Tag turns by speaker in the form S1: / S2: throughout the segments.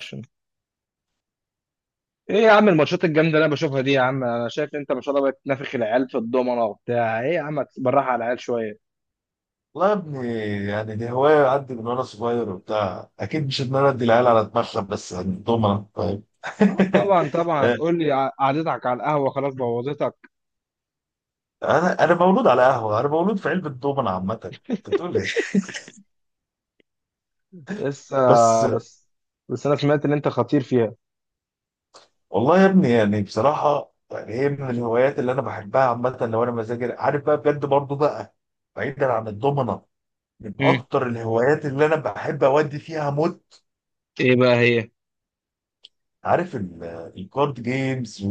S1: اكشن. ايه يا عم الماتشات الجامده اللي انا بشوفها دي يا عم؟ انا شايف ان انت ما شاء الله بتنافخ العيال في الضمنه وبتاع. ايه يا عم، بالراحه على العيال شويه.
S2: والله يا ابني، يعني دي هواية عندي من وأنا صغير وبتاع. أكيد مش إن أنا أدي العيال على دماغهم، بس الدومنة طيب.
S1: اه طبعا طبعا، هتقول لي ع- قعدتك على القهوه خلاص بوظتك.
S2: أنا مولود على قهوة، أنا مولود في علبة دومنة عامة. أنت بتقول إيه؟
S1: لسه.
S2: بس.
S1: بس. بس انا سمعت ان انت خطير فيها.
S2: والله يا ابني يعني بصراحة، يعني هي من الهوايات اللي أنا بحبها عامة. لو أنا مزاجي عارف بقى بجد برضه بقى. بعيدا عن الدومنة، من
S1: امم
S2: أكتر الهوايات اللي أنا بحب أودي فيها موت.
S1: ايه بقى هي؟
S2: عارف الكارد جيمز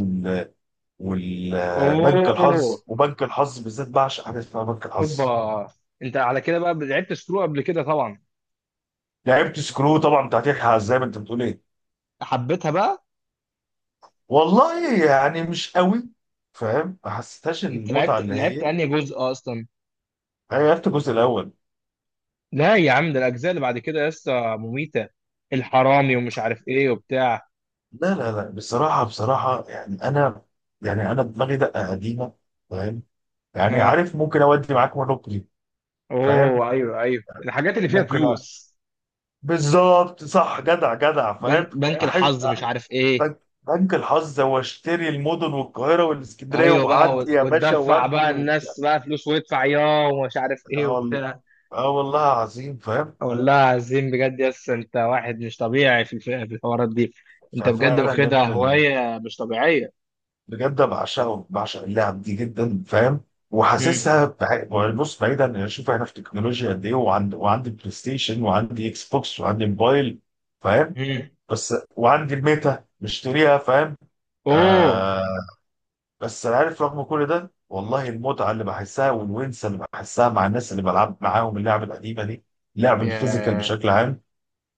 S2: والبنك
S1: اوه،
S2: الحظ، وبنك الحظ بالذات بعشق حاجه اسمها بنك الحظ.
S1: اوبا، انت على كده بقى لعبت سكرو قبل كده طبعا.
S2: لعبت سكرو طبعا بتاعت يحيى عزام، انت بتقول ايه.
S1: حبيتها بقى.
S2: والله يعني مش قوي، فاهم. ما حسيتهاش
S1: انت
S2: المتعه
S1: لعبت
S2: اللي
S1: لعبت
S2: هي.
S1: انهي جزء اصلا؟
S2: انا لعبت الجزء الاول.
S1: لا يا عم، ده الاجزاء اللي بعد كده لسه مميته، الحرامي ومش عارف ايه وبتاع.
S2: لا لا لا، بصراحه بصراحه يعني انا، دماغي دقه قديمه، فاهم. يعني
S1: ها،
S2: عارف ممكن اودي معاك مونوبولي، فاهم.
S1: اوه ايوه ايوه، الحاجات اللي فيها
S2: ممكن
S1: فلوس.
S2: بالظبط، صح. جدع جدع،
S1: بنك
S2: فاهم.
S1: بنك
S2: احب
S1: الحظ مش عارف ايه.
S2: بنك الحظ، هو اشتري المدن والقاهرة والاسكندرية
S1: ايوه بقى،
S2: وأعدي
S1: و-
S2: يا باشا
S1: وتدفع
S2: وابني
S1: بقى
S2: وبتاع.
S1: الناس بقى فلوس ويدفع ياه ومش عارف ايه
S2: اه
S1: وبتاع.
S2: آه والله عظيم، فاهم.
S1: والله عظيم بجد، يس، انت واحد مش طبيعي في الف- في الحوارات دي. انت بجد
S2: ففعلا يا
S1: واخدها
S2: ابني،
S1: هوايه مش طبيعيه.
S2: بجد بعشقه، بعشق اللعب دي جدا فاهم.
S1: هم.
S2: وحاسسها بص بعيدا يعني. شوف احنا في تكنولوجيا قد ايه، وعندي بلاي ستيشن، وعندي اكس بوكس، وعندي موبايل فاهم.
S1: هم.
S2: بس وعندي الميتا مشتريها، فاهم.
S1: اوه.
S2: آه. بس انا عارف رغم كل ده والله، المتعه اللي بحسها والونسه اللي بحسها مع الناس اللي بلعب معاهم اللعبه القديمه دي، لعب الفيزيكال
S1: يا
S2: بشكل عام،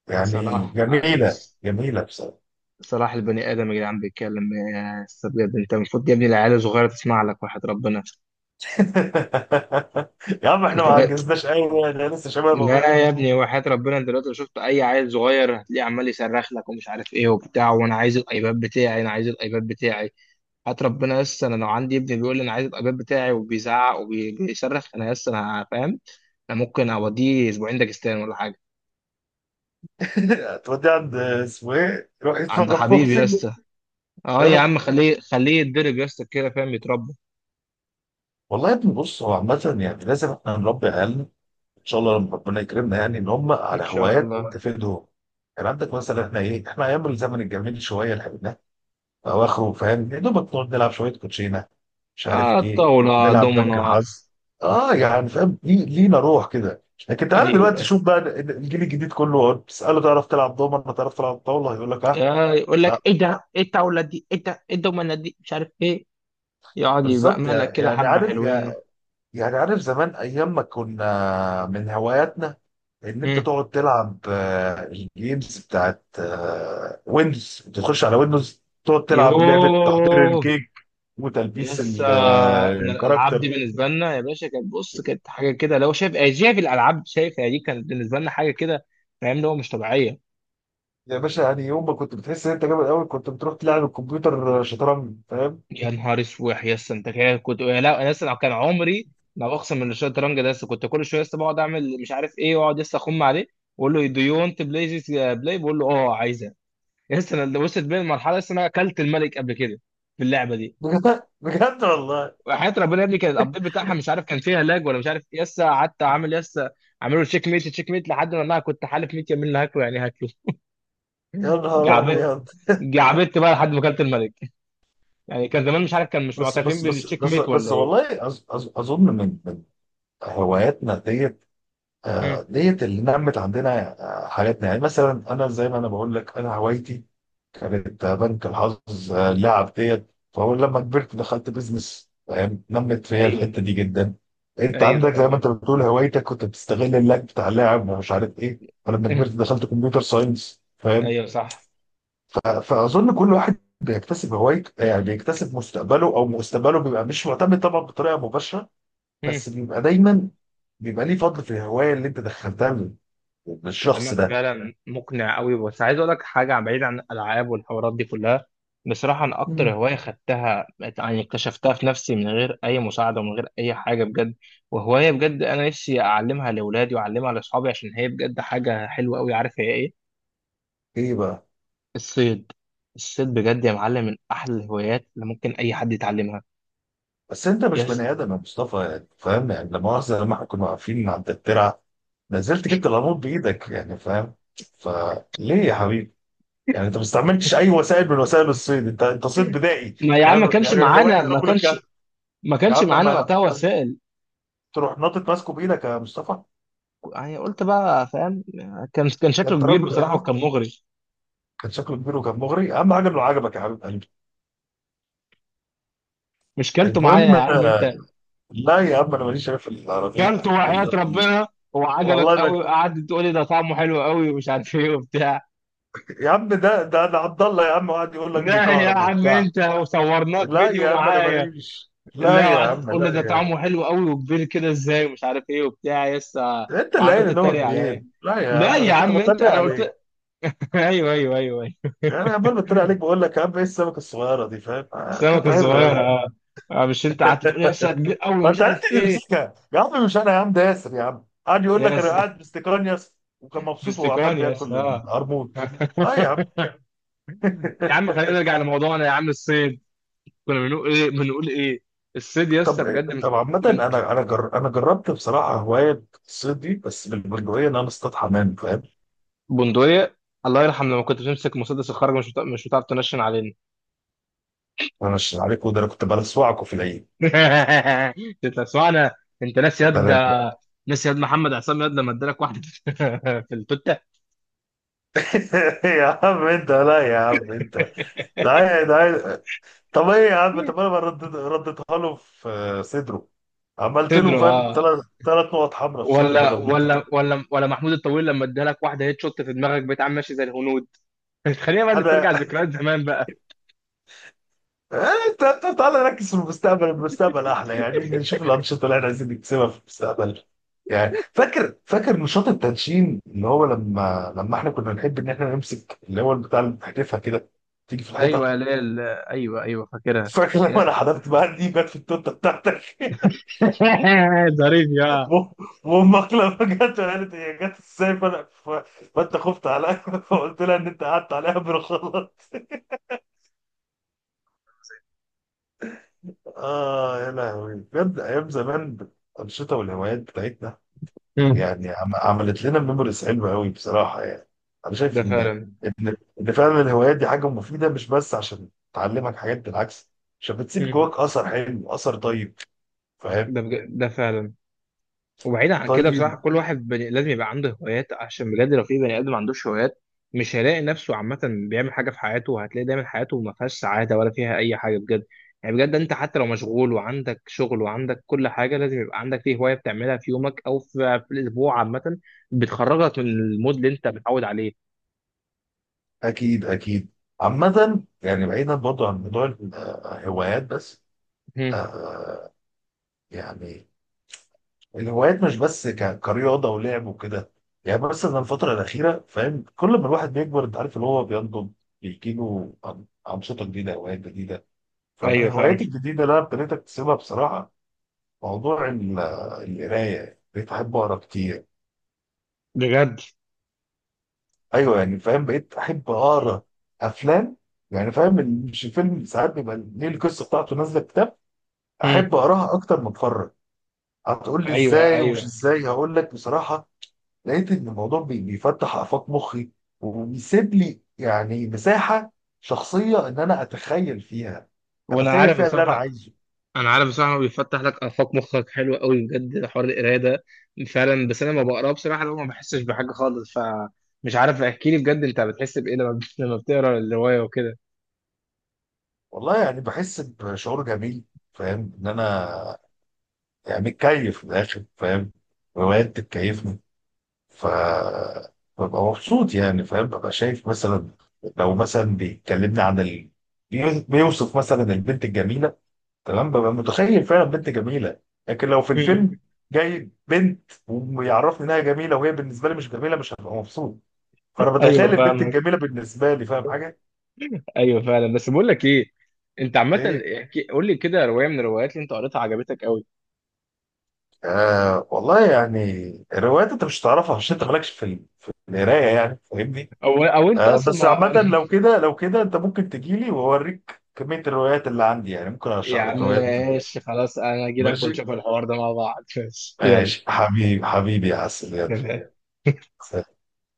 S2: يعني
S1: صلاح،
S2: جميله جميله بصراحه.
S1: صلاح، البني ادم يا جدعان بيتكلم يا استاذ، بجد انت المفروض يا ابني العيال الصغيره تسمع لك وحياه ربنا.
S2: يا عم احنا ما
S1: انت.
S2: عجزناش قوي، احنا لسه شباب اهو.
S1: لا يا ابني وحياة ربنا، انت دلوقتي لو شفت اي عيل صغير هتلاقيه عمال يصرخ لك ومش عارف ايه وبتاع، وانا عايز الايباد بتاعي، انا عايز الايباد بتاعي. هات ربنا يس، انا لو عندي ابني بيقول لي انا عايز الايباد بتاعي وبيزعق وبيصرخ، انا يس، انا فاهم. انا ممكن اوديه اسبوعين داجستان ولا حاجه.
S2: هتودي عند اسمه ايه، روح
S1: عند
S2: يتفرج
S1: حبيبي
S2: بوكسنج.
S1: يس. اه يا عم، خليه خليه يتدرب يس كده، فاهم، يتربى.
S2: والله يا ابني، بص هو عامة يعني لازم احنا نربي عيالنا، ان شاء الله لما ربنا يكرمنا، يعني ان هم
S1: ان
S2: على
S1: شاء
S2: هوايات
S1: الله.
S2: تفيدهم. كان عندك مثلا، احنا ايه، احنا ايام الزمن الجميل شويه اللي اواخره فاهم، يا دوبك نقعد نلعب شويه كوتشينه، مش
S1: اه،
S2: عارف ايه،
S1: الطاوله،
S2: نلعب بنك
S1: دومنا.
S2: الحظ. اه يعني فاهم، لينا روح كده. لكن تعالى دلوقتي
S1: ايوه،
S2: شوف بقى الجيل الجديد كله، تساله تعرف تلعب دومنه، تعرف تلعب طاوله، هيقول لك اه
S1: آه، يقول
S2: لا.
S1: لك ايه ده؟ ايه الطاوله دي؟ ايه ده؟ ايه الدومنه دي؟ مش عارف ايه. يقعد
S2: بالظبط،
S1: يبقملك كده
S2: يعني
S1: حبة
S2: عارف،
S1: حلوين.
S2: زمان ايام ما كنا من هواياتنا ان انت
S1: مم.
S2: تقعد تلعب الجيمز بتاعت ويندوز. تخش على ويندوز تقعد تلعب لعبه تحضير
S1: يوه.
S2: الكيك وتلبيس
S1: لسه. انا الالعاب دي
S2: الكاركتر.
S1: بالنسبه لنا يا باشا كانت، بص، كانت حاجه كده، لو شايف آه، شايف الالعاب، شايف، يعني دي كانت بالنسبه لنا حاجه كده، فاهم، اللي هو مش طبيعيه.
S2: يا باشا، يعني يوم ما كنت بتحس ان انت جامد قوي، كنت بتروح تلعب الكمبيوتر شطرنج، فاهم.
S1: يا نهار اسوح يا اسطى، انت كده كنت؟ يا لا، انا لسه لو كان عمري، لو اقسم من الشطرنج ده لسه كنت كل شويه لسه بقعد اعمل مش عارف ايه واقعد لسه اخم عليه، واقول له دو يو ونت بلاي ذيس، بلاي، بقول له اه عايزه. لسه انا وصلت بين المرحله، لسه انا اكلت الملك قبل كده في اللعبه دي.
S2: بجد بجد والله.
S1: وحياة ربنا يا ابني، كان الابديت بتاعها مش عارف كان فيها لاج ولا مش عارف ايه، لسه قعدت عامل لسه عامله تشيك ميت تشيك ميت، لحد ما انا كنت حالف 100 يمين لا هاكله يعني هاكله.
S2: يا نهار
S1: جعبت،
S2: ابيض.
S1: جعبت بقى لحد ما كلت الملك. يعني كان زمان مش عارف كان مش معترفين بالتشيك ميت ولا
S2: بس
S1: ايه.
S2: والله أظ أظ اظن من هواياتنا ديت،
S1: مم.
S2: ديت اللي نمت عندنا، حاجاتنا. يعني مثلا انا زي ما انا بقول لك، انا هوايتي كانت بنك الحظ، اللعب ديت. فهو لما كبرت دخلت بيزنس فاهم، نمت فيا
S1: ايوه
S2: الحته دي جدا. انت
S1: ايوه
S2: عندك زي ما
S1: ايوه.
S2: انت بتقول، هوايتك كنت بتستغل اللعب بتاع اللعب ومش عارف ايه، فلما كبرت دخلت كمبيوتر ساينس، فاهم.
S1: ايوه صح.
S2: فاظن كل واحد بيكتسب هوايته، يعني بيكتسب مستقبله، او مستقبله بيبقى مش معتمد طبعا بطريقه مباشره، بس بيبقى دايما بيبقى ليه فضل في الهوايه اللي انت دخلتها بالشخص
S1: كلامك
S2: ده.
S1: فعلا مقنع قوي، بس عايز اقول لك حاجه بعيد عن الالعاب والحوارات دي كلها. بصراحه انا اكتر
S2: مم.
S1: هوايه خدتها، يعني اكتشفتها في نفسي من غير اي مساعده ومن غير اي حاجه بجد، وهوايه بجد انا نفسي اعلمها لاولادي واعلمها لاصحابي عشان هي بجد حاجه حلوه قوي. عارف هي ايه؟
S2: ايه بقى.
S1: الصيد. الصيد بجد يا معلم من احلى الهوايات اللي ممكن اي حد يتعلمها.
S2: بس انت مش
S1: يس.
S2: بني ادم يا مصطفى، يعني فاهم. يعني لا مؤاخذه، لما احنا كنا واقفين عند الترعه، نزلت جبت القانون بايدك، يعني فاهم. فليه يا حبيبي؟ يعني انت ما استعملتش اي وسائل من وسائل الصيد، انت صيد بدائي
S1: ما يا عم، ما
S2: فاهم،
S1: كانش
S2: يعني هوايه
S1: معانا، ما
S2: رجل
S1: كانش،
S2: الكهف.
S1: ما
S2: يا
S1: كانش
S2: عم
S1: معانا
S2: ما
S1: وقتها
S2: أنا-
S1: وسائل.
S2: تروح ناطط ماسكه بايدك يا مصطفى،
S1: يعني قلت بقى، فاهم. كان، كان
S2: ده
S1: شكله
S2: انت
S1: كبير
S2: راجل.
S1: بصراحه وكان مغري.
S2: كان شكله كبير وكان مغري، اهم حاجه انه عجبك يا حبيب قلبي.
S1: مش كلته معايا
S2: المهم،
S1: يا عم انت؟
S2: لا يا عم انا ماليش شايف العربيه.
S1: كلته وحياة ربنا وعجبك
S2: والله ما،
S1: قوي، قعدت تقول لي ده طعمه حلو قوي ومش عارف ايه وبتاع.
S2: يا عم ده انا عبد الله يا عم قاعد يقول لك
S1: لا يا
S2: بيكهرب
S1: عم
S2: وبتاع.
S1: انت، وصورناك
S2: لا
S1: فيديو
S2: يا عم انا
S1: معايا.
S2: ماليش، لا
S1: لا،
S2: يا
S1: وقعدت
S2: عم
S1: تقول لي ده
S2: لا.
S1: طعمه حلو قوي وكبير كده ازاي ومش عارف ايه وبتاع، يسا.
S2: انت اللي قايل
S1: وعملت
S2: ان هو
S1: تتريق
S2: كبير،
S1: عليا.
S2: لا يا
S1: لا
S2: عم
S1: يا
S2: انا كنت
S1: عم انت،
S2: بتريق
S1: انا
S2: عليك.
S1: قلت. ايوه ايوه ايوه ايوه.
S2: انا عمال بتريق عليك، بقول لك يا عم ايه السمكه الصغيره دي فاهم،
S1: السمكه
S2: كانت عره
S1: الصغيره،
S2: قوي.
S1: اه. اه، مش انت قعدت تقول يا اسطى كبير قوي
S2: ما
S1: ومش
S2: انت
S1: عارف
S2: عرفت
S1: ايه؟
S2: تمسكها يا عم، مش انا، يا عم ده ياسر، يا عم قاعد يقول لك انا
S1: يس.
S2: قاعد باستيكان ياسر، وكان مبسوط وهو عمال
S1: باستيكان يس،
S2: بياكل
S1: اه.
S2: القرموط. اه يا عم.
S1: يا عم خلينا نرجع لموضوعنا يا عم، الصيد. كنا بنقول ايه؟ بنقول ايه؟ الصيد يا اسطى
S2: طب
S1: بجد من،
S2: طب عامة،
S1: من.
S2: انا انا جربت بصراحة هواية الصيد دي بس بالبندقية ان انا اصطاد حمام، فاهم.
S1: بندقية. الله يرحم، لما كنت بتمسك مسدس الخرج مش بتع- مش بتعرف تنشن علينا.
S2: انا مش عليكم، ده انا كنت بلسوعكم في العيد.
S1: انت سمعنا. انت ناس
S2: ده
S1: يد،
S2: انا.
S1: ناس يد محمد عصام يد لما ادالك واحده في التوته.
S2: يا عم انت، لا يا عم انت، لا يا ده. طب ايه يا عم، طب انا ما ردت رديتها له في صدره، عملت له
S1: تدرو
S2: فاهم
S1: اه.
S2: ثلاث نقط حمراء في صدره
S1: ولا
S2: بدل
S1: ولا
S2: نقطتين.
S1: ولا ولا محمود الطويل لما ادالك واحده هيت شوت في دماغك بقيت عم ماشي زي الهنود. خلينا بقى
S2: انا
S1: نسترجع ذكريات زمان بقى.
S2: إيه، انت، تعالى نركز في المستقبل، المستقبل احلى. يعني نشوف الانشطه اللي احنا عايزين نكسبها في المستقبل. يعني فاكر، نشاط التنشين اللي هو لما احنا كنا نحب ان احنا نمسك اللي هو بتاع اللي بتحدفها كده تيجي في
S1: ايوه
S2: الحيطه.
S1: يا ليل، ايوه ايوه فاكرها.
S2: فاكر لما انا حذفت بقى دي جت في التوته بتاعتك.
S1: ظريف يا.
S2: و- وامك لما جت قالت هي جت ازاي، فانا فانت خفت عليا. فقلت لها ان انت قعدت عليها بالغلط. اه يا لهوي، بجد ايام زمان، الانشطه والهوايات بتاعتنا،
S1: مم.
S2: يعني عملت لنا ميموريز حلوه قوي بصراحه. يعني انا شايف
S1: ده
S2: ان
S1: فعلا.
S2: ان إن فعلا الهوايات دي حاجه مفيده، مش بس عشان تعلمك حاجات، بالعكس عشان بتسيب
S1: مم.
S2: جواك اثر حلو اثر طيب، فاهم.
S1: ده بج... ده فعلا. وبعيدا عن كده
S2: طيب.
S1: بصراحه كل واحد بني... لازم يبقى عنده هوايات، عشان بجد لو في بني ادم ما عندوش هوايات مش هيلاقي نفسه عامه بيعمل حاجه في حياته، وهتلاقي دايما حياته ما فيهاش سعاده ولا فيها اي حاجه بجد. يعني بجد انت حتى لو مشغول وعندك شغل وعندك كل حاجه، لازم يبقى عندك فيه هوايه بتعملها في يومك او في الاسبوع عامه، بتخرجك من المود اللي انت متعود عليه.
S2: اكيد اكيد. عامة يعني بعيدا برضو عن موضوع الهوايات بس،
S1: مم.
S2: آه، يعني الهوايات مش بس كرياضة ولعب وكده. يعني بس انا الفترة الأخيرة فاهم، كل ما الواحد بيكبر انت عارف اللي هو بينضج، بيجيله أنشطة جديدة، هوايات جديدة. فمن
S1: ايوه فعلا.
S2: هواياتي الجديدة اللي أنا ابتديت أكتسبها بصراحة موضوع القراية، بقيت أحب أقرأ كتير.
S1: بجد.
S2: أيوه يعني فاهم، بقيت أحب أقرأ أفلام، يعني فاهم، مش الفيلم ساعات بيبقى ليه القصة بتاعته نازلة كتاب،
S1: مم.
S2: احب اقراها اكتر ما اتفرج. هتقول لي
S1: ايوه
S2: ازاي؟ ومش
S1: ايوه.
S2: ازاي، هقول لك بصراحه، لقيت ان الموضوع بيفتح افاق مخي، وبيسيب لي يعني مساحه شخصيه ان انا اتخيل فيها،
S1: وانا عارف
S2: اللي انا
S1: الصراحه.
S2: عايزه.
S1: انا عارف بصراحه هو بيفتح لك افاق مخك حلوه قوي بجد حوار القرايه ده فعلا، بس انا ما بقراه بصراحه لو ما بحسش بحاجه خالص، فمش عارف، احكي لي بجد انت بتحس بايه لما لما بتقرا الروايه وكده.
S2: والله يعني بحس بشعور جميل، فاهم، ان انا يعني متكيف من الاخر فاهم، روايات بتكيفني. ف ببقى مبسوط، يعني فاهم ببقى شايف مثلا، لو مثلا بيكلمني عن بيوصف مثلا البنت الجميله، تمام، ببقى متخيل فعلا بنت جميله. لكن لو في الفيلم جاي بنت ويعرفني انها جميله وهي بالنسبه لي مش جميله، مش هبقى مبسوط. فانا بتخيل
S1: ايوه
S2: البنت
S1: فاهمك.
S2: الجميله بالنسبه لي، فاهم حاجه؟
S1: ايوه فعلا. بس بقول لك ايه، انت عامه،
S2: ايه.
S1: احكي قول لي كده روايه من الروايات اللي انت قريتها عجبتك قوي.
S2: آه والله يعني الروايات انت مش هتعرفها عشان انت مالكش في في القرايه، يعني فاهمني؟
S1: او او انت
S2: آه
S1: اصلا
S2: بس
S1: ما.
S2: عامه، لو كده انت ممكن تجي لي واوريك كميه الروايات اللي عندي، يعني ممكن
S1: يا
S2: ارشح
S1: عم
S2: لك روايات دلوقتي.
S1: ماشي خلاص، انا اجي لك
S2: ماشي؟
S1: ونشوف الحوار ده مع بعض ماشي.
S2: ماشي حبيبي، حبيبي يا عسل، يلا.
S1: يلا.
S2: سلام.